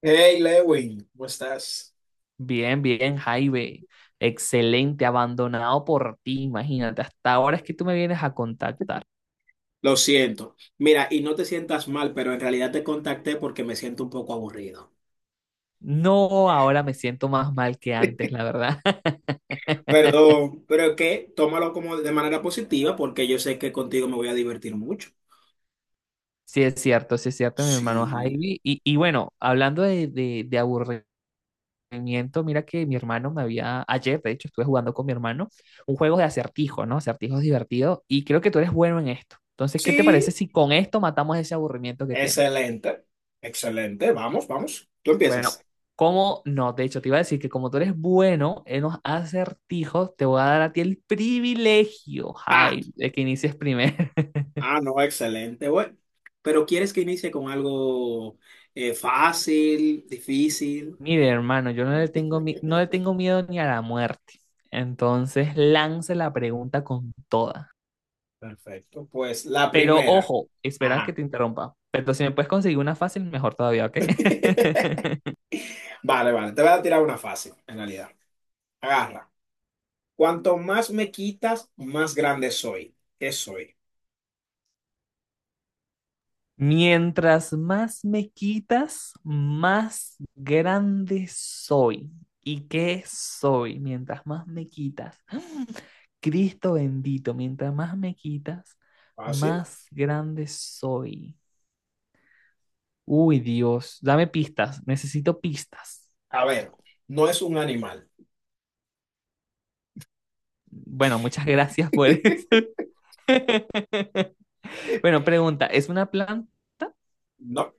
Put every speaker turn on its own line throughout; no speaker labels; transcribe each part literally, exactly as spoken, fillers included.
Hey Lewin, ¿cómo estás?
Bien, bien, Jaime. Excelente, abandonado por ti, imagínate. Hasta ahora es que tú me vienes a contactar.
Lo siento. Mira, y no te sientas mal, pero en realidad te contacté porque me siento un poco aburrido.
No, ahora me siento más mal que antes, la verdad.
Perdón, pero que tómalo como de manera positiva porque yo sé que contigo me voy a divertir mucho.
Sí, es cierto, sí es cierto, mi hermano
Sí,
Jaime. Y, y bueno, hablando de, de, de aburrimiento, mira que mi hermano me había, ayer, de hecho, estuve jugando con mi hermano un juego de acertijos, ¿no? Acertijos divertidos. Y creo que tú eres bueno en esto. Entonces, ¿qué te parece
sí,
si con esto matamos ese aburrimiento que tienes?
excelente, excelente. Vamos, vamos. Tú
Bueno,
empiezas.
¿cómo no? De hecho, te iba a decir que como tú eres bueno en los acertijos, te voy a dar a ti el privilegio,
Ah,
Jaime, de que inicies primero.
ah, no, excelente, bueno. Pero ¿quieres que inicie con algo eh, fácil, difícil?
Mire, hermano, yo no le tengo, mi- no le tengo miedo ni a la muerte. Entonces, lance la pregunta con toda.
Perfecto. Pues la
Pero
primera.
ojo, espera que
Ajá.
te interrumpa. Pero si me puedes conseguir una fácil, mejor todavía, ¿ok?
Vale, vale. Te voy a tirar una fácil, en realidad. Agarra. Cuanto más me quitas, más grande soy. ¿Qué soy?
Mientras más me quitas, más grande soy. ¿Y qué soy? Mientras más me quitas. Cristo bendito, mientras más me quitas,
¿Fácil?
más grande soy. Uy, Dios, dame pistas, necesito pistas.
A ver, no es un animal.
Bueno, muchas gracias por eso. Bueno, pregunta, ¿es una planta?
No.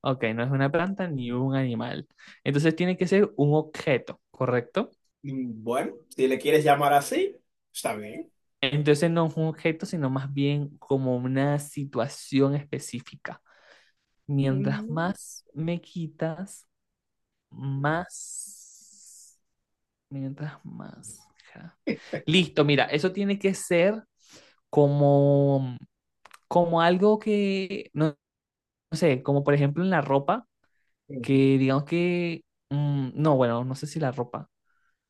Ok, no es una planta ni un animal. Entonces tiene que ser un objeto, ¿correcto?
Mm, Bueno, si le quieres llamar así, está bien.
Entonces no es un objeto, sino más bien como una situación específica. Mientras
Mm,
más me quitas, más... Mientras más... ja. Listo, mira, eso tiene que ser como, como algo que, no, no sé, como por ejemplo en la ropa, que
ujú.
digamos que... mm, no, bueno, no sé si la ropa.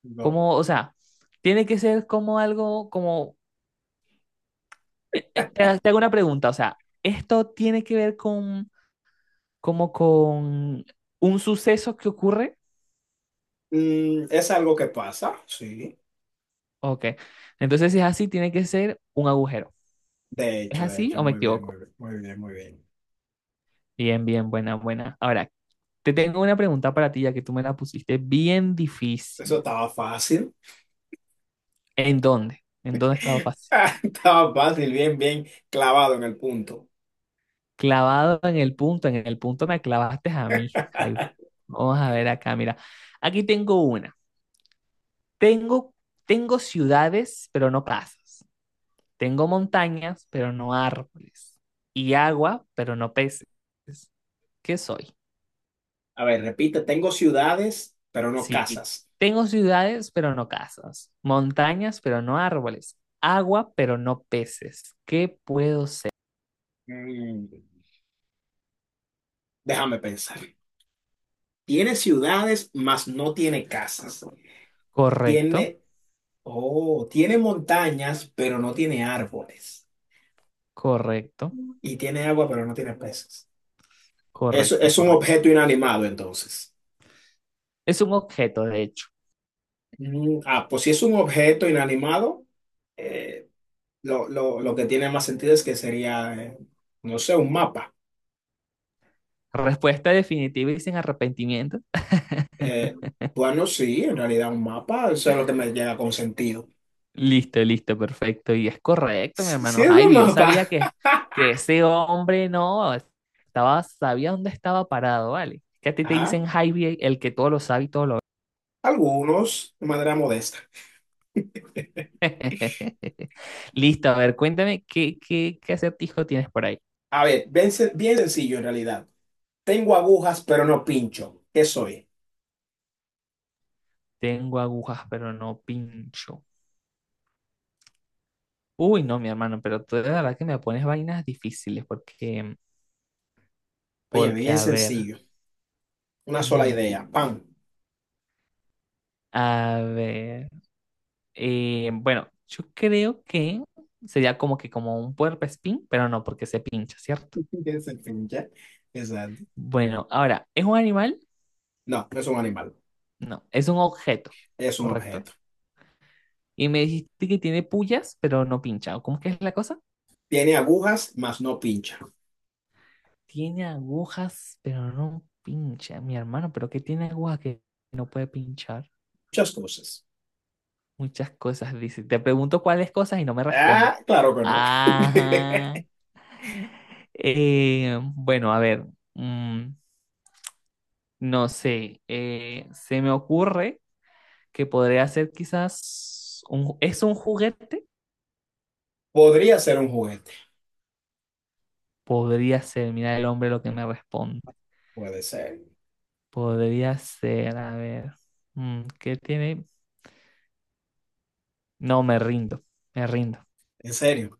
No.
Como, o sea, tiene que ser como algo, como... eh, eh, te te hago una pregunta, o sea, ¿esto tiene que ver con como con un suceso que ocurre.
Mm, Es algo que pasa, sí.
Ok. Entonces, si es así, tiene que ser un agujero.
De
¿Es
hecho, de
así
hecho,
o me
muy bien,
equivoco?
muy bien, muy bien, muy bien.
Bien, bien, buena, buena. Ahora, te tengo una pregunta para ti, ya que tú me la pusiste bien
Eso
difícil.
estaba fácil.
¿En dónde? ¿En dónde estaba fácil?
Estaba fácil, bien, bien clavado en el punto.
Clavado en el punto, en el punto me clavaste a mí. Ay, vamos a ver acá, mira. Aquí tengo una. Tengo, tengo ciudades, pero no casas. Tengo montañas, pero no árboles. Y agua, pero no peces. ¿Qué soy?
A ver, repite, tengo ciudades, pero no
Sí.
casas.
Tengo ciudades, pero no casas. Montañas, pero no árboles. Agua, pero no peces. ¿Qué puedo ser?
Mm, déjame pensar. Tiene ciudades, mas no tiene casas.
Correcto,
Tiene, oh, tiene montañas, pero no tiene árboles.
correcto,
Y tiene agua, pero no tiene peces. Eso
correcto,
es un
correcto.
objeto inanimado, entonces.
Es un objeto, de hecho.
Mm, ah, pues si es un objeto inanimado, eh, lo, lo- lo que tiene más sentido es que sería, eh, no sé, un mapa.
Respuesta definitiva y sin arrepentimiento.
Eh, bueno, sí, en realidad un mapa, eso es lo que me llega con sentido.
Listo, listo, perfecto. Y es correcto, mi hermano
Siendo
Javi. Yo
más
sabía
baja,
que, que ese hombre no estaba, sabía dónde estaba parado, ¿vale? Que a ti te
a
dicen Javi, el que todo lo sabe y todo lo ve.
algunos de manera modesta.
Listo, a ver, cuéntame qué, qué, qué acertijo tienes por ahí.
A ver, bien, sen- bien sencillo en realidad. Tengo agujas, pero no pincho. ¿Qué soy?
Tengo agujas, pero no pincho. Uy, no, mi hermano, pero tú de verdad que me pones vainas difíciles porque,
Oye,
porque,
bien
a ver,
sencillo. Una sola
mm,
idea. ¡Pam!
a ver. Eh, bueno, yo creo que sería como que como un puercoespín, pero no porque se pincha, ¿cierto?
¿Ya se pincha? Exacto.
Bueno, ahora, ¿es un animal?
No, no es un animal.
No, es un objeto,
Es un
¿correcto?
objeto.
Y me dijiste que tiene puyas, pero no pincha. ¿O ¿cómo es que es la cosa?
Tiene agujas, mas no pincha.
Tiene agujas, pero no pincha. Mi hermano, ¿pero qué tiene agujas que no puede pinchar?
Muchas cosas.
Muchas cosas, dice. Te pregunto cuáles cosas y no me responde.
Ah, claro que no.
Ajá. Eh, bueno, a ver. mm, No sé, eh, se me ocurre que podría ser quizás un, ju- ¿es un juguete?
Podría ser un juguete.
Podría ser, mira el hombre lo que me responde.
Puede ser.
Podría ser, a ver, mm, ¿qué tiene? No, me rindo, me rindo.
En serio,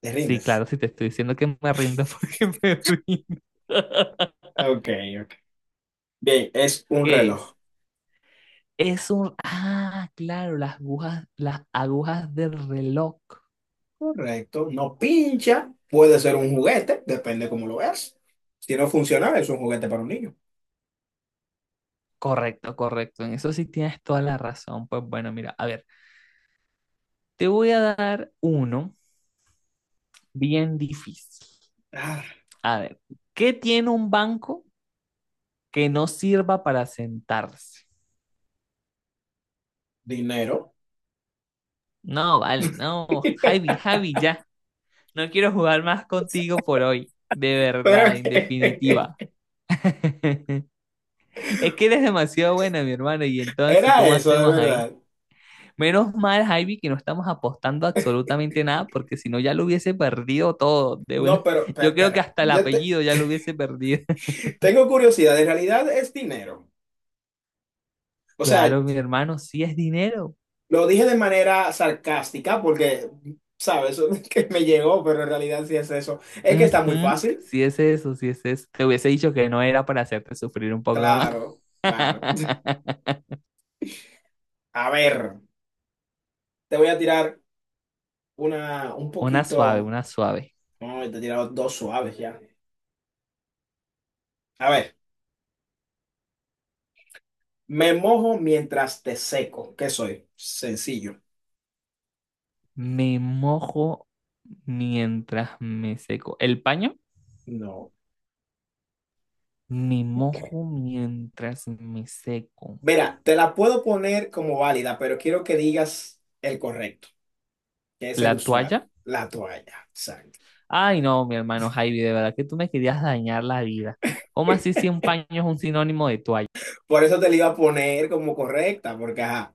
te
Sí,
rindes.
claro, si te estoy diciendo que me rindo porque me rindo.
Ok, ok. Bien, es un
¿Qué es?
reloj.
Es un, ah, claro, las agujas, las agujas del reloj.
Correcto, no pincha, puede ser un juguete, depende cómo lo veas. Si no funciona, es un juguete para un niño.
Correcto, correcto. En eso sí tienes toda la razón. Pues bueno, mira, a ver, te voy a dar uno bien difícil.
Ah,
A ver, ¿qué tiene un banco que no sirva para sentarse?
dinero.
No, vale, no. Javi, Javi, ya. No quiero jugar más contigo por hoy. De
Pero
verdad, en
que-
definitiva. Es que eres demasiado buena, mi hermano. Y entonces,
era
¿cómo
eso, de
hacemos ahí?
verdad.
Menos mal, Javi, que no estamos apostando absolutamente nada, porque si no ya lo hubiese perdido todo. De una...
No, pero pe-
Yo creo que
espera,
hasta el
yo te-
apellido ya lo hubiese perdido.
tengo curiosidad, en realidad es dinero. O sea,
Claro, mi hermano, sí es dinero.
lo dije de manera sarcástica porque, ¿sabes? Que me llegó, pero en realidad sí es eso. Es que está muy
Ujú,
fácil.
sí es eso, sí es eso. Te hubiese dicho que no era para hacerte sufrir un poco más.
Claro, claro. A ver, te voy a tirar una un
Una suave,
poquito.
una suave.
No, te he tirado dos suaves ya. A ver, me mojo mientras te seco. ¿Qué soy? Sencillo.
Me mojo mientras me seco. ¿El paño?
No.
Me mojo mientras me seco.
Mira, te la puedo poner como válida, pero quiero que digas el correcto, que es el
¿La
usual,
toalla?
la toalla. Exacto.
Ay, no, mi hermano Javi, de verdad que tú me querías dañar la vida. ¿Cómo así si un paño es un sinónimo de toalla?
Por eso te la iba a poner como correcta, porque ajá.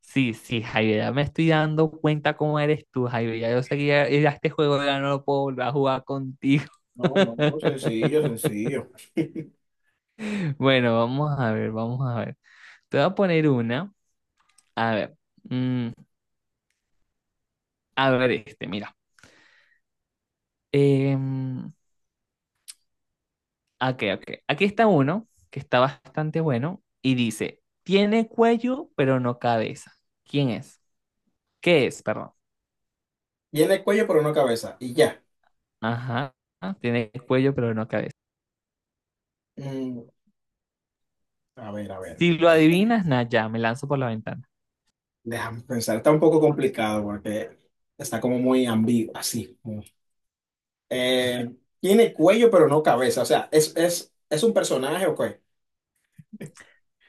Sí, sí, Jairo, ya me estoy dando cuenta cómo eres tú, Jairo. Ya yo seguía ya este juego ya no lo puedo volver a jugar contigo.
No, no, no, sencillo, sencillo.
Bueno, vamos a ver, vamos a ver. Te voy a poner una. A ver, mm, a ver este, mira. Em, ok, ok. Aquí está uno que está bastante bueno y dice, tiene cuello pero no cabeza. ¿Quién es? ¿Qué es? Perdón.
Tiene el cuello, pero no cabeza. Y ya.
Ajá, tiene cuello pero no cabeza.
Mm, a ver, a ver.
Si lo adivinas, nada, ya, me lanzo por la ventana.
Déjame pensar. Está un poco complicado porque está como muy ambiguo, así. Eh, tiene cuello, pero no cabeza. O sea, ¿es, es, es un personaje o qué?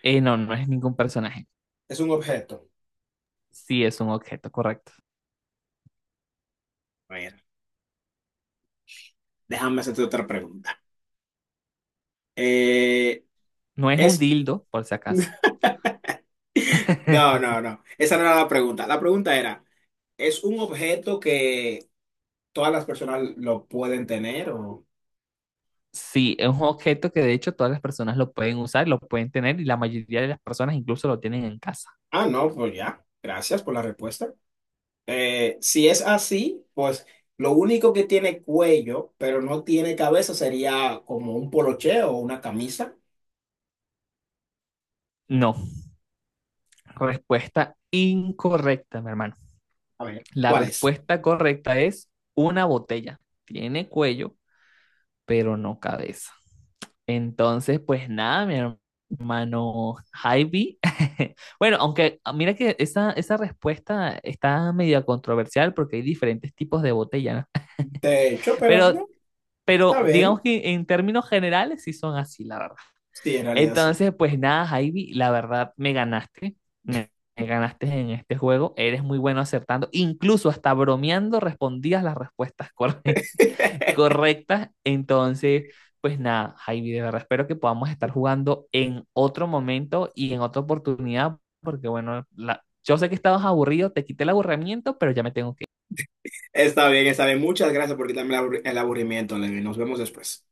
Eh, no, no es ningún personaje.
¿Es un objeto?
Sí, es un objeto, correcto.
A ver, déjame hacerte otra pregunta. Eh,
No es un
es,
dildo, por si acaso.
no, no, no, esa no era la pregunta. La pregunta era, ¿es un objeto que todas las personas lo pueden tener o...
Sí, es un objeto que de hecho todas las personas lo pueden usar, lo pueden tener y la mayoría de las personas incluso lo tienen en casa.
Ah, no, pues ya, gracias por la respuesta. Eh, si es así, pues lo único que tiene cuello, pero no tiene cabeza, sería como un poloche o una camisa.
No, respuesta incorrecta, mi hermano.
A ver,
La
¿cuál es?
respuesta correcta es una botella. Tiene cuello, pero no cabeza. Entonces, pues nada, mi hermano Javi. Bueno, aunque ah, mira que esa, esa respuesta está media controversial porque hay diferentes tipos de botella, ¿no?
De hecho, pero
Pero,
no. Está
pero digamos
bien.
que en términos generales sí son así, la verdad.
Sí, en realidad sí.
Entonces, pues nada, Javi, la verdad me ganaste. Me, me ganaste en este juego. Eres muy bueno acertando. Incluso hasta bromeando respondías las respuestas correctas correctas. Entonces, pues nada, Javi, de verdad espero que podamos estar jugando en otro momento y en otra oportunidad, porque bueno, la- yo sé que estabas aburrido, te quité el aburrimiento, pero ya me tengo que ir.
Está bien, está bien. Muchas gracias por quitarme el abur- el aburrimiento, Levi. Nos vemos después.